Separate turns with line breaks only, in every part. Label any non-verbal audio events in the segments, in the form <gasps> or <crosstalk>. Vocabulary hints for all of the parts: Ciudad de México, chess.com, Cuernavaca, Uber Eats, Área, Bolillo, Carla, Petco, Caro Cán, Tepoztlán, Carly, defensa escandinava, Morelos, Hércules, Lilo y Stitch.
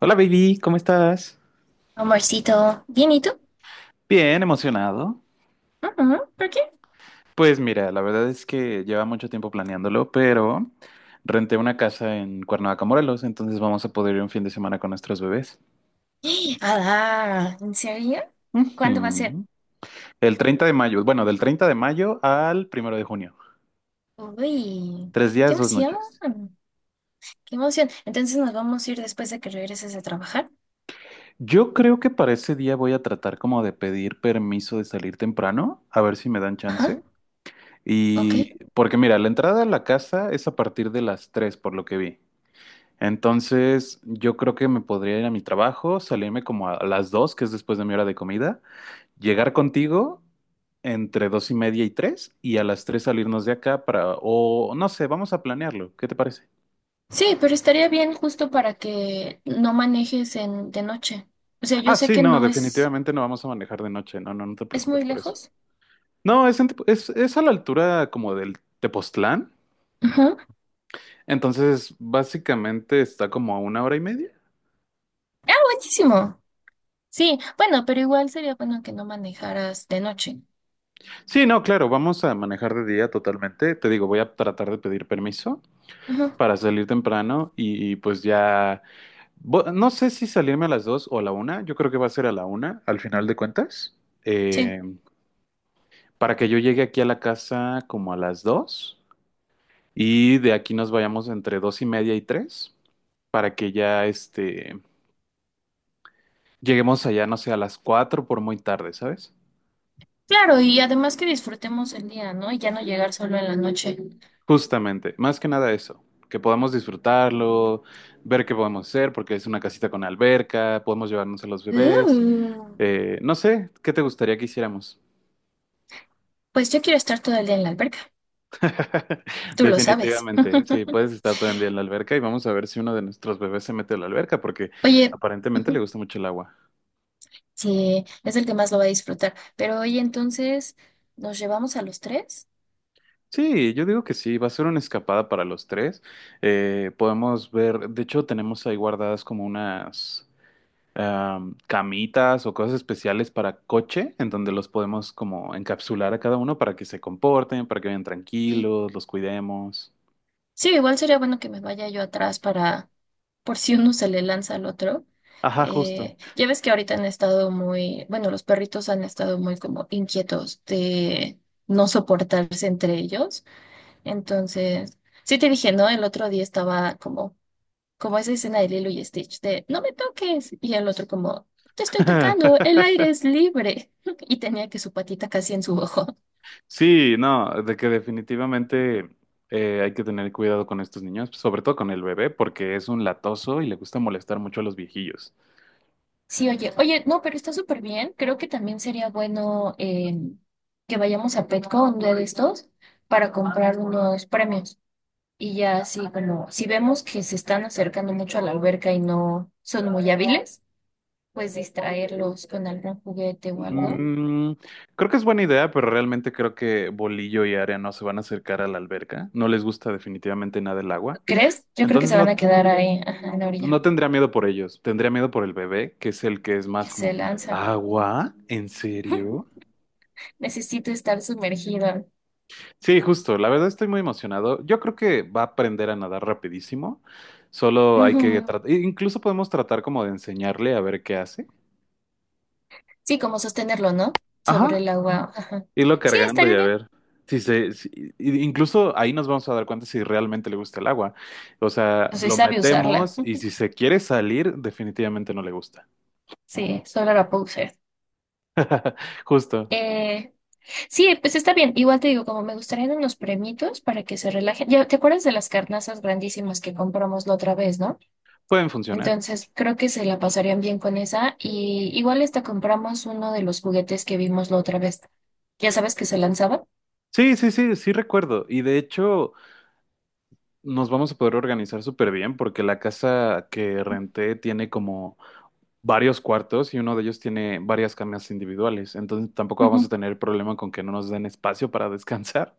Hola baby, ¿cómo estás?
Amorcito, bien, ¿y tú?
Bien, emocionado.
Ujú, ¿por qué?
Pues mira, la verdad es que lleva mucho tiempo planeándolo, pero renté una casa en Cuernavaca, Morelos, entonces vamos a poder ir un fin de semana con nuestros bebés.
<gasps> Ah, ¿en serio? ¿Cuándo va a ser?
Ujú. El 30 de mayo, bueno, del 30 de mayo al 1 de junio.
Uy,
Tres
qué
días, dos
emoción,
noches.
qué emoción. Entonces nos vamos a ir después de que regreses a trabajar.
Yo creo que para ese día voy a tratar como de pedir permiso de salir temprano, a ver si me dan
Ajá,
chance.
ok.
Y porque mira, la entrada a la casa es a partir de las 3, por lo que vi. Entonces, yo creo que me podría ir a mi trabajo, salirme como a las dos, que es después de mi hora de comida, llegar contigo entre dos y media y tres, y a las tres salirnos de acá para, o no sé, vamos a planearlo. ¿Qué te parece?
Sí, pero estaría bien justo para que no manejes en, de noche. O sea, yo
Ah,
sé
sí,
que
no,
no es,
definitivamente no vamos a manejar de noche. No, no, no te
es
preocupes
muy
por eso.
lejos.
No, es, en es a la altura como del Tepoztlán.
Ujú.
Entonces, básicamente está como a 1 hora y media.
Ah, buenísimo. Sí, bueno, pero igual sería bueno que no manejaras de noche.
Sí, no, claro, vamos a manejar de día totalmente. Te digo, voy a tratar de pedir permiso
Ujú,
para salir temprano pues ya, no sé si salirme a las dos o a la una, yo creo que va a ser a la una al final de cuentas,
sí.
eh, para que yo llegue aquí a la casa como a las dos y de aquí nos vayamos entre dos y media y tres, para que ya este, lleguemos allá, no sé, a las cuatro por muy tarde, ¿sabes?
Claro, y además que disfrutemos el día, ¿no? Y ya no llegar solo en la noche.
Justamente, más que nada eso, que podamos disfrutarlo, ver qué podemos hacer, porque es una casita con alberca, podemos llevarnos a los bebés.
Uh,
No sé, ¿qué te gustaría que hiciéramos?
pues yo quiero estar todo el día en la alberca,
<laughs>
tú lo sabes.
Definitivamente, sí, puedes estar todo el día en la alberca y vamos a ver si uno de nuestros bebés se mete a la alberca, porque
<laughs> Oye,
aparentemente le
ujú,
gusta mucho el agua.
sí, es el que más lo va a disfrutar, pero oye, entonces, ¿nos llevamos a los tres?
Sí, yo digo que sí, va a ser una escapada para los tres. Podemos ver, de hecho, tenemos ahí guardadas como unas... camitas o cosas especiales para coche, en donde los podemos como encapsular a cada uno para que se comporten, para que vayan
Sí,
tranquilos, los cuidemos.
sí, igual sería bueno que me vaya yo atrás para, por si uno se le lanza al otro.
Ajá, justo.
Ya ves que ahorita han estado muy, bueno, los perritos han estado muy como inquietos de no soportarse entre ellos. Entonces, sí te dije, ¿no? El otro día estaba como, como esa escena de Lilo y Stitch de no me toques. Y el otro como, te estoy tocando, el aire
<laughs>
es libre. <laughs> Y tenía que su patita casi en su ojo.
Sí, no, de que definitivamente hay que tener cuidado con estos niños, sobre todo con el bebé, porque es un latoso y le gusta molestar mucho a los viejillos.
Sí, oye, oye, no, pero está súper bien. Creo que también sería bueno que vayamos a Petco un día de estos para comprar unos premios. Y ya así como, si vemos que se están acercando mucho a la alberca y no son muy hábiles, pues distraerlos con algún juguete o algo.
Mm, creo que es buena idea, pero realmente creo que Bolillo y Área no se van a acercar a la alberca. No les gusta definitivamente nada el agua.
¿Crees? Yo creo que
Entonces
se van
no,
a quedar ahí, ajá, en la orilla,
No tendría miedo por ellos, tendría miedo por el bebé, que es el que es más
que se
como,
lanzan.
¿agua? ¿En serio?
<laughs> Necesito estar sumergido.
Sí, justo, la verdad estoy muy emocionado. Yo creo que va a aprender a nadar rapidísimo, solo hay que
Ujú.
tratar, incluso podemos tratar como de enseñarle a ver qué hace.
Sí, como sostenerlo, ¿no? Sobre
Ajá,
el agua. Ajá.
irlo
Sí,
cargando y
estaría
a
bien.
ver. Si se, si- i- incluso ahí nos vamos a dar cuenta si realmente le gusta el agua. O sea,
No soy
lo
sabio usarla.
metemos
<laughs>
y si se quiere salir, definitivamente no le gusta.
Sí, solo la puedo usar.
Justo,
Eh, sí, pues está bien. Igual te digo, como me gustarían unos premitos para que se relajen. Ya, ¿te acuerdas de las carnazas grandísimas que compramos la otra vez, no?
pueden funcionar.
Entonces, creo que se la pasarían bien con esa. Y igual hasta compramos uno de los juguetes que vimos la otra vez. Ya sabes que se lanzaban.
Sí, sí, sí, sí recuerdo. Y de hecho, nos vamos a poder organizar súper bien porque la casa que renté tiene como varios cuartos y uno de ellos tiene varias camas individuales. Entonces tampoco vamos a
Ujú.
tener problema con que no nos den espacio para <laughs> descansar.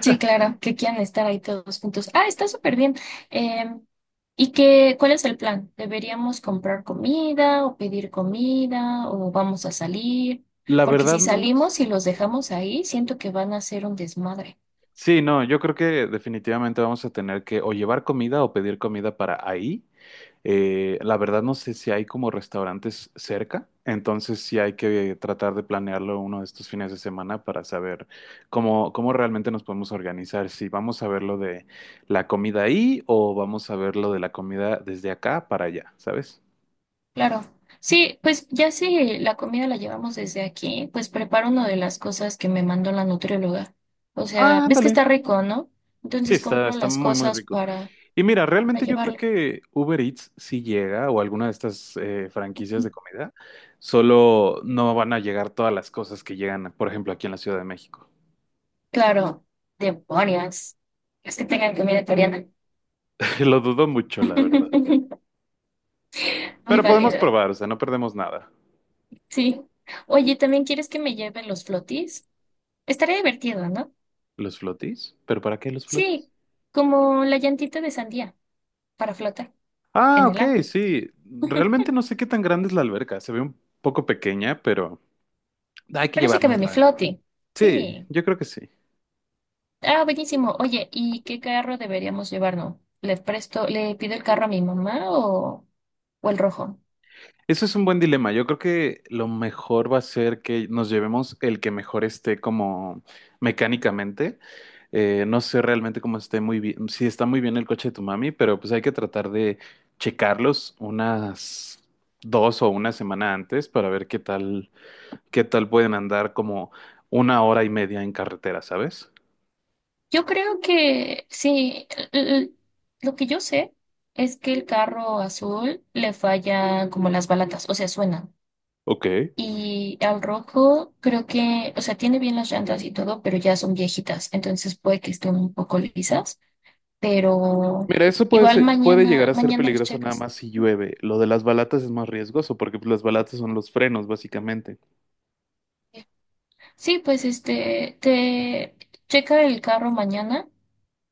Sí, claro, que quieran estar ahí todos juntos. Ah, está súper bien. Em, ¿Y qué, cuál es el plan? ¿Deberíamos comprar comida o pedir comida o vamos a salir?
La
Porque
verdad,
si
no
salimos
los...
y los dejamos ahí, siento que van a hacer un desmadre.
Sí, no, yo creo que definitivamente vamos a tener que o llevar comida o pedir comida para ahí. La verdad no sé si hay como restaurantes cerca, entonces sí hay que tratar de planearlo uno de estos fines de semana para saber cómo realmente nos podemos organizar, si vamos a ver lo de la comida ahí o vamos a ver lo de la comida desde acá para allá, ¿sabes?
Claro. Sí, pues ya si la comida la llevamos desde aquí, pues preparo una de las cosas que me mandó la nutrióloga. O sea,
Ah,
ves que
ándale.
está rico, ¿no?
Sí,
Entonces compro
está
las
muy, muy
cosas
rico. Y mira,
para
realmente yo creo
llevarlo.
que Uber Eats sí llega o alguna de estas franquicias de comida, solo no van a llegar todas las cosas que llegan, por ejemplo, aquí en la Ciudad de México.
Claro, demonios. Es que tengan comida coreana.
Lo dudo mucho, la
<laughs>
verdad.
Muy
Pero podemos
válida.
probar, o sea, no perdemos nada.
Sí. Oye, ¿también quieres que me lleven los flotis? Estaría divertido, ¿no?
¿Los flotis? ¿Pero para qué los flotis?
Sí, como la llantita de sandía para flotar
Ah,
en el
ok,
agua.
sí. Realmente no sé qué tan grande es la alberca. Se ve un poco pequeña, pero hay que
Pero sí cabe mi
llevárnosla.
floti.
Sí,
Sí.
yo creo que sí.
Ah, buenísimo. Oye, ¿y qué carro deberíamos llevarnos? ¿Le presto, le pido el carro a mi mamá o el rojo?
Eso es un buen dilema. Yo creo que lo mejor va a ser que nos llevemos el que mejor esté como mecánicamente. No sé realmente cómo esté muy bien, si está muy bien el coche de tu mami, pero pues hay que tratar de checarlos unas dos o una semana antes para ver qué tal pueden andar como 1 hora y media en carretera, ¿sabes?
Yo creo que sí, l- l- lo que yo sé es que el carro azul le falla como las balatas, o sea, suena.
Ok.
Y al rojo creo que, o sea, tiene bien las llantas y todo, pero ya son viejitas, entonces puede que estén un poco lisas, pero
Mira, eso
igual
puede llegar
mañana,
a ser
mañana las
peligroso nada
checas.
más si llueve. Lo de las balatas es más riesgoso porque pues, las balatas son los frenos, básicamente.
Sí, pues este, te checa el carro mañana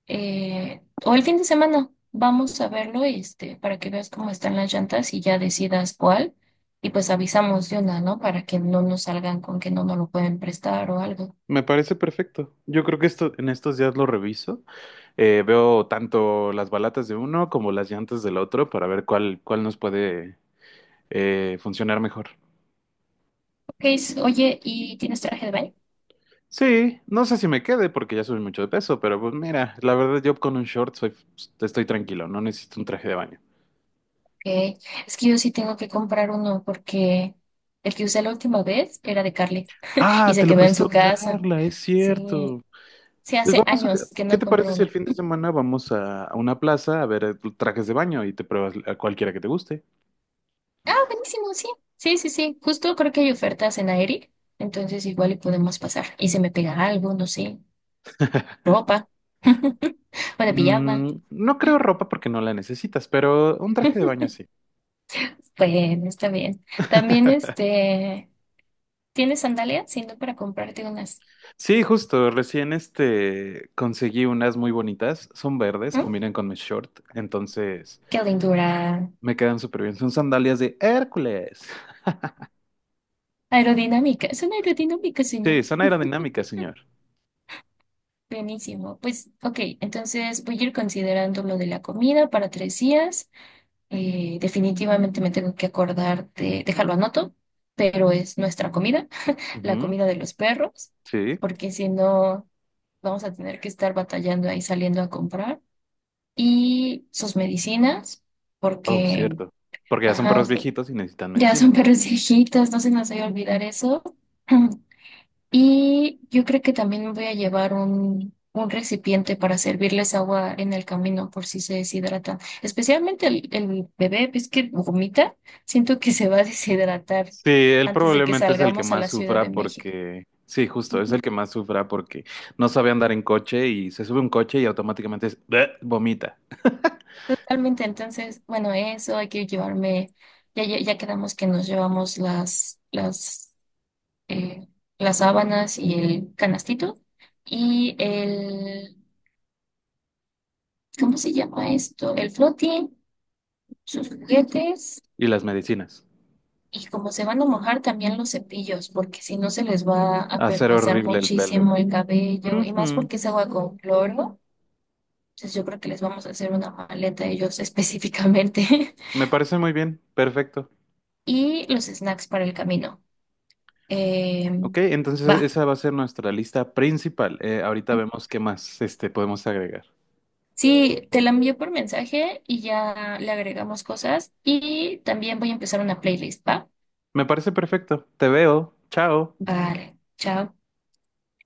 o el fin de semana vamos a verlo, este, para que veas cómo están las llantas y ya decidas cuál. Y pues avisamos de una, ¿no? Para que no nos salgan con que no nos lo pueden prestar o algo.
Me parece perfecto. Yo creo que esto en estos días lo reviso. Veo tanto las balatas de uno como las llantas del otro para ver cuál nos puede funcionar mejor.
Ok, oye, ¿y tienes traje de baño?
Sí, no sé si me quede porque ya subí mucho de peso, pero pues mira, la verdad yo con un short soy, estoy tranquilo, no necesito un traje de baño.
Ok, es que yo sí tengo que comprar uno porque el que usé la última vez era de Carly y
Ah, te
se
lo
quedó en
prestó
su casa.
Carla, es
Sí,
cierto.
sí,
Pues
hace
vamos a...
años que
¿Qué
no
te parece
compro
si el
uno.
fin de semana vamos a una plaza a ver trajes de baño y te pruebas a cualquiera que te guste?
Ah, buenísimo, sí. Sí, sí, sí. Justo creo que hay ofertas en aire. Entonces igual y podemos pasar. Y se me pega algo, no sé, ropa. <laughs> Bueno, pijama.
No creo ropa porque no la necesitas, pero un traje de
<laughs>
baño sí.
Bueno, está bien. También
<laughs>
este, ¿tienes sandalias? Si no para comprarte unas.
Sí, justo, recién este conseguí unas muy bonitas, son verdes,
¿Mm?
combinan con mi short, entonces
Qué lindura.
me quedan súper bien. Son sandalias de Hércules.
Aerodinámica. Es una aerodinámica, señor.
Sí, son aerodinámicas, señor.
Buenísimo. Pues, ok, entonces voy a ir considerando lo de la comida para tres días. Definitivamente me tengo que acordar de, déjalo anoto, pero es nuestra comida, la
Ujú,
comida de los perros,
sí.
porque si no vamos a tener que estar batallando ahí saliendo a comprar. Y sus medicinas,
Oh,
porque
cierto. Porque ya son
ajá,
perros viejitos y necesitan
ya
medicina.
son perros viejitos, no se nos vaya a olvidar eso. <clears throat> Y yo creo que también me voy a llevar un recipiente para servirles agua en el camino por si se deshidratan. Especialmente el bebé, ves que vomita, siento que se va a deshidratar
Sí, él
antes de que
probablemente es el que
salgamos a
más
la Ciudad de
sufra
México.
porque, sí, justo, es el
Ujú.
que más sufra porque no sabe andar en coche y se sube a un coche y automáticamente es- "Bleh", vomita.
Totalmente, entonces, bueno, eso hay que llevarme, ya, ya, ya quedamos que nos llevamos eh, las sábanas y el canastito y el, ¿cómo se llama esto? El floating, sus juguetes.
Y las medicinas.
Y como se van a mojar también los cepillos, porque si no se les va a
Hacer
permasar
horrible el pelo.
muchísimo el cabello, y más
Ujú.
porque es agua con cloro. Entonces yo creo que les vamos a hacer una maleta a ellos <laughs> específicamente.
Me parece muy bien, perfecto.
Y los snacks para el camino. Eh,
Ok, entonces
va.
esa va a ser nuestra lista principal. Ahorita vemos qué más este, podemos agregar.
Sí, te la envío por mensaje y ya le agregamos cosas. Y también voy a empezar una playlist, ¿va?
Me parece perfecto. Te veo. Chao.
Vale, chao.